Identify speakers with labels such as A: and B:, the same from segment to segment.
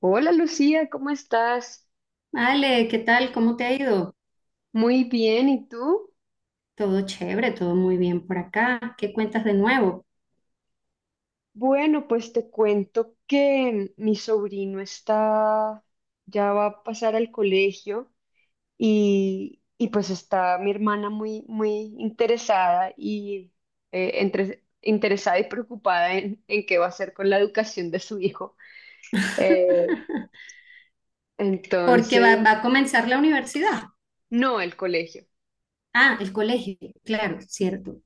A: Hola Lucía, ¿cómo estás?
B: Ale, ¿qué tal? ¿Cómo te ha ido?
A: Muy bien, ¿y tú?
B: Todo chévere, todo muy bien por acá. ¿Qué cuentas de nuevo?
A: Bueno, pues te cuento que mi sobrino ya va a pasar al colegio y pues está mi hermana muy, muy interesada y entre, interesada y preocupada en qué va a hacer con la educación de su hijo. Eh,
B: Porque va,
A: entonces,
B: va a comenzar la universidad.
A: no el colegio.
B: Ah, el colegio, claro, cierto.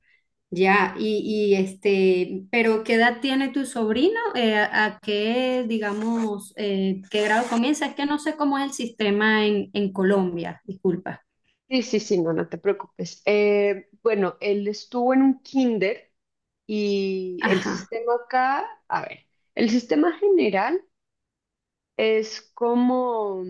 B: Ya, este, pero ¿qué edad tiene tu sobrino? ¿A qué, digamos, qué grado comienza? Es que no sé cómo es el sistema en Colombia, disculpa.
A: Sí, sí, sí, no, no te preocupes. Bueno, él estuvo en un kinder. Y el
B: Ajá,
A: sistema acá, a ver, el sistema general es como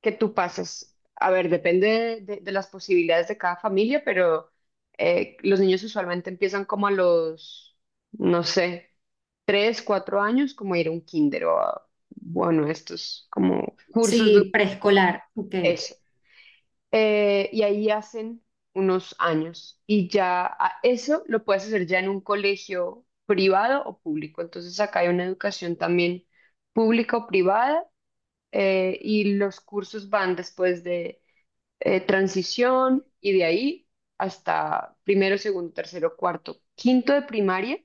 A: que tú pasas, a ver, depende de las posibilidades de cada familia, pero los niños usualmente empiezan como a los, no sé, 3, 4 años, como ir a un kinder o a, bueno, estos como cursos de
B: sí, preescolar, ok.
A: eso. Y ahí hacen unos años. Y ya eso lo puedes hacer ya en un colegio privado o público. Entonces acá hay una educación también pública o privada, y los cursos van después de transición y de ahí hasta primero, segundo, tercero, cuarto, quinto de primaria.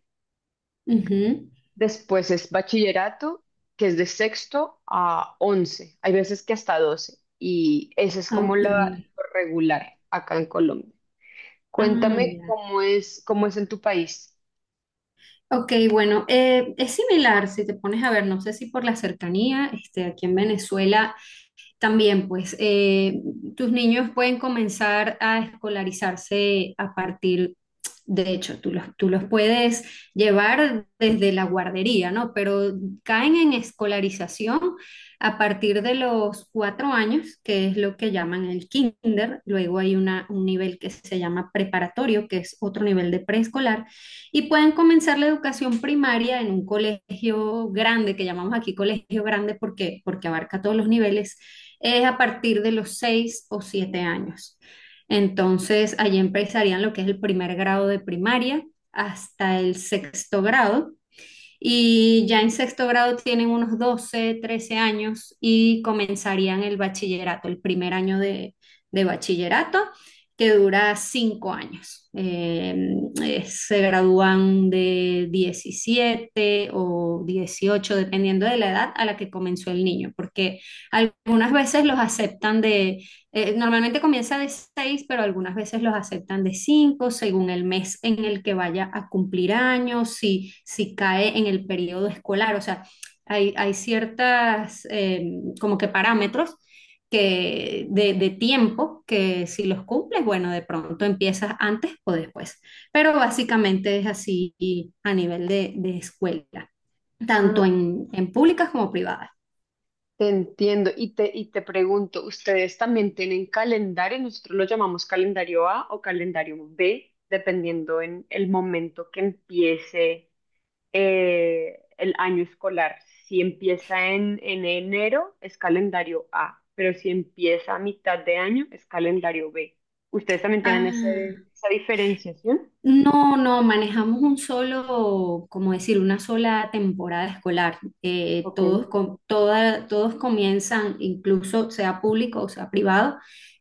B: Ujú.
A: Después es bachillerato, que es de sexto a 11. Hay veces que hasta 12. Y ese es como
B: Ok.
A: lo regular acá en Colombia.
B: Ah,
A: Cuéntame
B: ya.
A: cómo es en tu país.
B: Ok, bueno, es similar si te pones a ver, no sé si por la cercanía, este, aquí en Venezuela también, pues, tus niños pueden comenzar a escolarizarse a partir, de hecho, tú los puedes llevar desde la guardería, ¿no? Pero caen en escolarización a partir de los 4 años, que es lo que llaman el kinder. Luego hay un nivel que se llama preparatorio, que es otro nivel de preescolar. Y pueden comenzar la educación primaria en un colegio grande, que llamamos aquí colegio grande porque, abarca todos los niveles, es a partir de los 6 o 7 años. Entonces, allí empezarían lo que es el primer grado de primaria hasta el sexto grado, y ya en sexto grado tienen unos 12 13 años y comenzarían el bachillerato, el primer año de bachillerato, que dura 5 años. Se gradúan de 17 o 18 dependiendo de la edad a la que comenzó el niño, porque algunas veces los aceptan de normalmente comienza de 6, pero algunas veces los aceptan de 5, según el mes en el que vaya a cumplir años, si cae en el periodo escolar. O sea, hay ciertas como que parámetros que de tiempo que si los cumples, bueno, de pronto empiezas antes o después. Pero básicamente es así a nivel de escuela,
A: Mm.
B: tanto en públicas como privadas.
A: Te entiendo y te pregunto, ¿ustedes también tienen calendario? Nosotros lo llamamos calendario A o calendario B, dependiendo en el momento que empiece el año escolar. Si empieza en enero, es calendario A, pero si empieza a mitad de año, es calendario B. ¿Ustedes también tienen
B: Ah.
A: esa diferenciación?
B: No, no, manejamos un solo, como decir, una sola temporada escolar.
A: Ok.
B: Todos comienzan, incluso sea público o sea privado,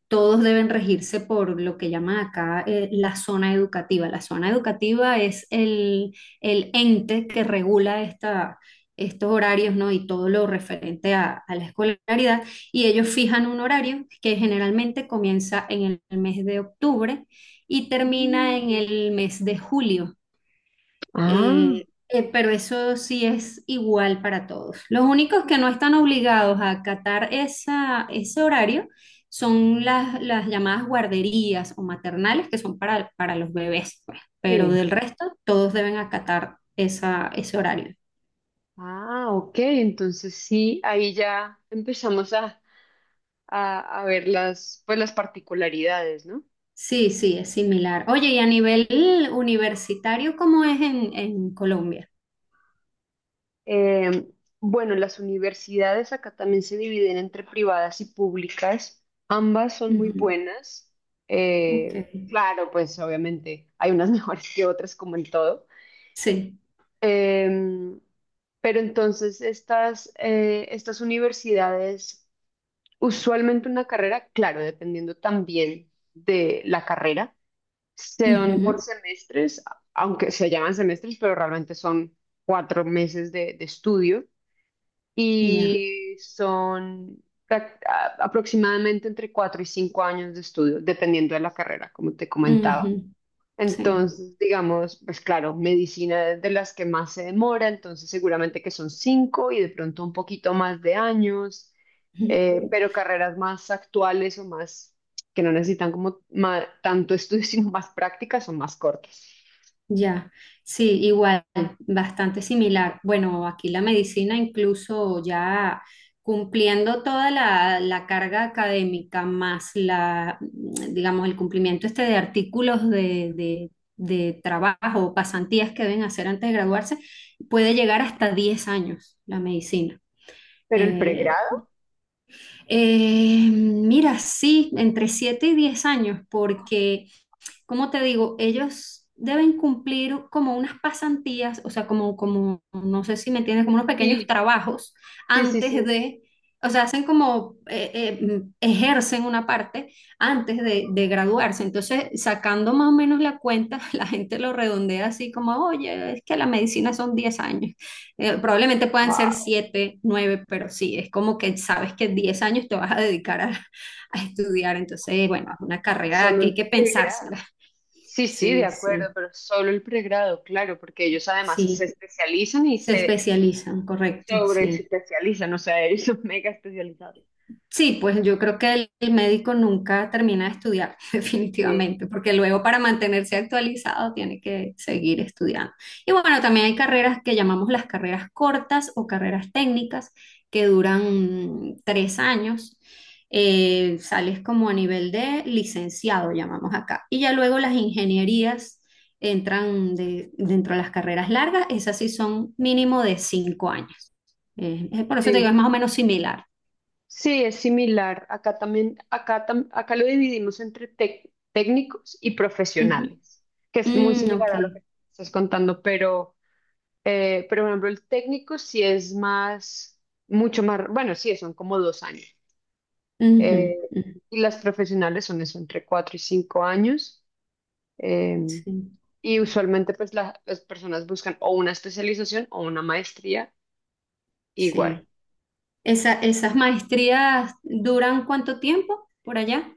B: todos deben regirse por lo que llaman acá, la zona educativa. La zona educativa es el ente que regula estos horarios, ¿no? Y todo lo referente a la escolaridad. Y ellos fijan un horario que generalmente comienza en el mes de octubre y termina en
A: Mm.
B: el mes de julio.
A: Ah.
B: Pero eso sí es igual para todos. Los únicos que no están obligados a acatar ese horario son las llamadas guarderías o maternales, que son para los bebés, pues. Pero
A: Sí.
B: del resto, todos deben acatar ese horario.
A: Ah, ok, entonces sí, ahí ya empezamos a ver las, pues las particularidades, ¿no?
B: Sí, sí, es similar. Oye, y a nivel universitario, ¿cómo es en Colombia?
A: Eh, bueno, las universidades acá también se dividen entre privadas y públicas. Ambas son muy
B: Ujú.
A: buenas.
B: Ok,
A: Eh, claro, pues obviamente hay unas mejores que otras, como en todo.
B: sí,
A: Em, pero entonces estas universidades, usualmente una carrera, claro, dependiendo también de la carrera, son
B: ujú,
A: por semestres, aunque se llaman semestres, pero realmente son 4 meses de estudio
B: ya.
A: y son aproximadamente entre 4 y 5 años de estudio, dependiendo de la carrera, como te comentaba.
B: Ujú. Sí.
A: Entonces, digamos, pues claro, medicina es de las que más se demora, entonces seguramente que son cinco y de pronto un poquito más de años, pero carreras más actuales o más que no necesitan como tanto estudio, sino más prácticas son más cortas.
B: Ya, sí, igual, bastante similar. Bueno, aquí la medicina, incluso ya cumpliendo toda la carga académica, más la, digamos, el cumplimiento este de artículos de trabajo o pasantías que deben hacer antes de graduarse, puede llegar hasta 10 años la medicina.
A: Pero el
B: Eh,
A: pregrado,
B: Mira, sí, entre 7 y 10 años, porque ¿cómo te digo? Ellos deben cumplir como unas pasantías, o sea, como, no sé si me entiendes, como unos pequeños
A: sí,
B: trabajos
A: sí, sí,
B: antes
A: sí,
B: de, o sea, hacen como, ejercen una parte antes de graduarse. Entonces, sacando más o menos la cuenta, la gente lo redondea así como, oye, es que la medicina son 10 años. Probablemente puedan ser
A: wow,
B: 7 nueve, pero sí, es como que sabes que 10 años te vas a dedicar a estudiar. Entonces, bueno, es una carrera
A: solo
B: que hay
A: el
B: que
A: pregrado.
B: pensársela.
A: Sí, sí, de
B: Sí,
A: acuerdo,
B: sí,
A: pero solo el pregrado, claro, porque ellos además se
B: sí,
A: especializan y
B: se
A: se
B: especializan, correcto,
A: sobre
B: sí.
A: especializan, o sea, ellos son mega especializados.
B: Sí, pues yo creo que el médico nunca termina de estudiar,
A: Sí,
B: definitivamente,
A: de
B: porque luego,
A: acuerdo.
B: para mantenerse actualizado, tiene que seguir estudiando. Y bueno, también hay carreras que llamamos las carreras cortas o carreras técnicas que duran, 3 años. Sales como a nivel de licenciado, llamamos acá. Y ya luego las ingenierías entran dentro de las carreras largas, esas sí son mínimo de 5 años. Por eso te digo,
A: Sí,
B: es más o menos similar.
A: sí, es similar. Acá también, acá lo dividimos entre técnicos y profesionales, que es muy
B: Mm,
A: similar
B: ok.
A: a lo que estás contando, pero por ejemplo, el técnico sí es más, mucho más, bueno, sí, son como 2 años.
B: Ujú,
A: Eh,
B: ujú.
A: y las profesionales son eso, entre 4 y 5 años. eh,
B: Sí,
A: y usualmente pues las personas buscan o una especialización o una maestría igual.
B: sí. Esas maestrías duran cuánto tiempo por allá?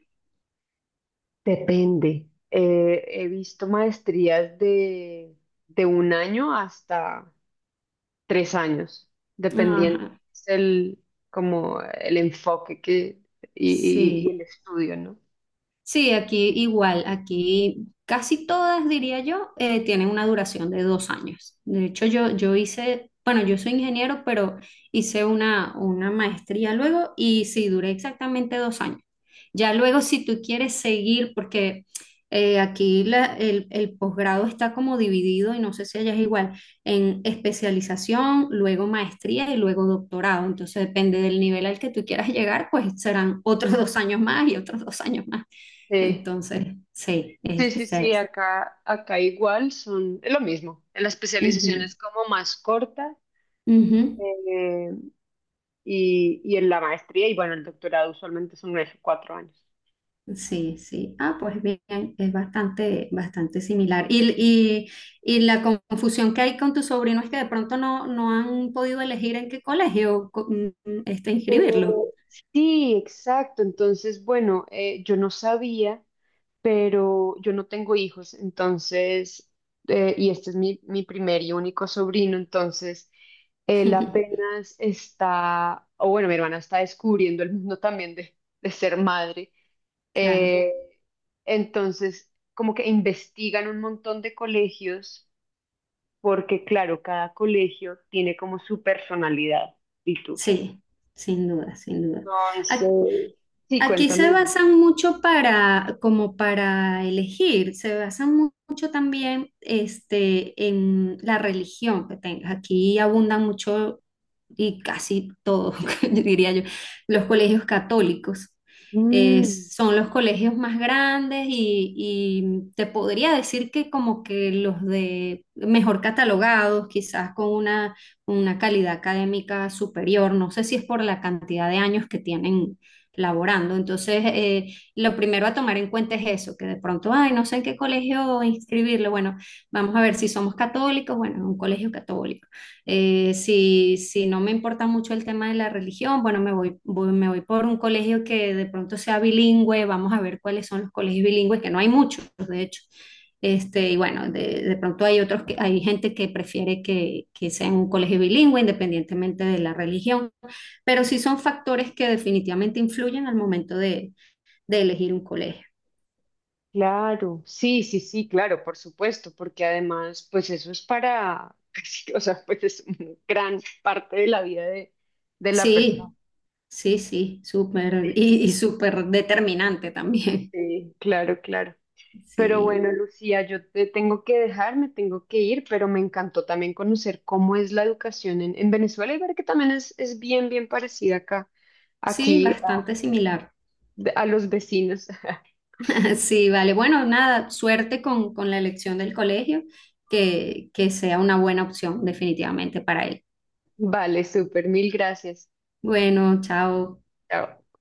A: Depende. He visto maestrías de un año hasta 3 años,
B: Ajá,
A: dependiendo. Es el, como el enfoque que, y
B: sí.
A: el estudio, ¿no?
B: Sí, aquí igual, aquí casi todas, diría yo, tienen una duración de 2 años. De hecho, yo hice, bueno, yo soy ingeniero, pero hice una maestría luego y sí, duré exactamente 2 años. Ya luego, si tú quieres seguir, porque aquí el posgrado está como dividido, y no sé si allá es igual, en especialización, luego maestría y luego doctorado. Entonces, depende del nivel al que tú quieras llegar, pues serán otros 2 años más y otros 2 años más.
A: Sí,
B: Entonces, sí,
A: sí, sí, sí, acá, igual son es lo mismo. En la especialización
B: ujú,
A: es como más corta,
B: ujú.
A: eh, y en la maestría y bueno, el doctorado usualmente son unos 4 años.
B: Sí, sí. Ah, pues bien, es bastante, bastante similar. Y la confusión que hay con tu sobrino es que de pronto no han podido elegir en qué colegio este,
A: Eh,
B: inscribirlo.
A: Sí, exacto. Entonces, bueno, yo no sabía, pero yo no tengo hijos, entonces, y este es mi primer y único sobrino, entonces, él apenas está, o bueno, mi hermana está descubriendo el mundo también de ser madre,
B: Claro,
A: eh, entonces, como que investigan un montón de colegios, porque claro, cada colegio tiene como su personalidad, y tú.
B: sí, sin duda, sin duda.
A: Entonces, sí,
B: Aquí se
A: cuéntame.
B: basan mucho para, como para elegir, se basan mucho también este, en la religión que tengas. Aquí abundan mucho y casi todos, yo diría yo, los colegios católicos.
A: Mm.
B: Son los colegios más grandes y, te podría decir que como que los de mejor catalogados, quizás con una calidad académica superior. No sé si es por la cantidad de años que tienen laborando. Entonces, lo primero a tomar en cuenta es eso, que de pronto, ay, no sé en qué colegio inscribirlo. Bueno, vamos a ver si somos católicos, bueno, en un colegio católico. Si no me importa mucho el tema de la religión, bueno, me voy por un colegio que de pronto sea bilingüe, vamos a ver cuáles son los colegios bilingües, que no hay muchos, de hecho. Este, y bueno, de pronto hay otros que hay gente que prefiere que sea en un colegio bilingüe, independientemente de la religión, pero sí son factores que definitivamente influyen al momento de elegir un colegio.
A: Claro, sí, sí, sí, claro, por supuesto, porque además, pues eso es para, casi, o sea, pues es una gran parte de la vida de la persona.
B: Sí, sí, sí, súper
A: Sí,
B: y, súper determinante también.
A: sí, claro, claro. Pero
B: Sí,
A: bueno, Lucía, yo te tengo que dejar, me tengo que ir, pero me encantó también conocer cómo es la educación en Venezuela y ver que también es bien, bien parecida acá,
B: sí,
A: aquí,
B: bastante similar.
A: a los vecinos.
B: Sí, vale. Bueno, nada, suerte con la elección del colegio, que sea una buena opción definitivamente para él.
A: Vale, súper, mil gracias.
B: Bueno, chao.
A: Chao.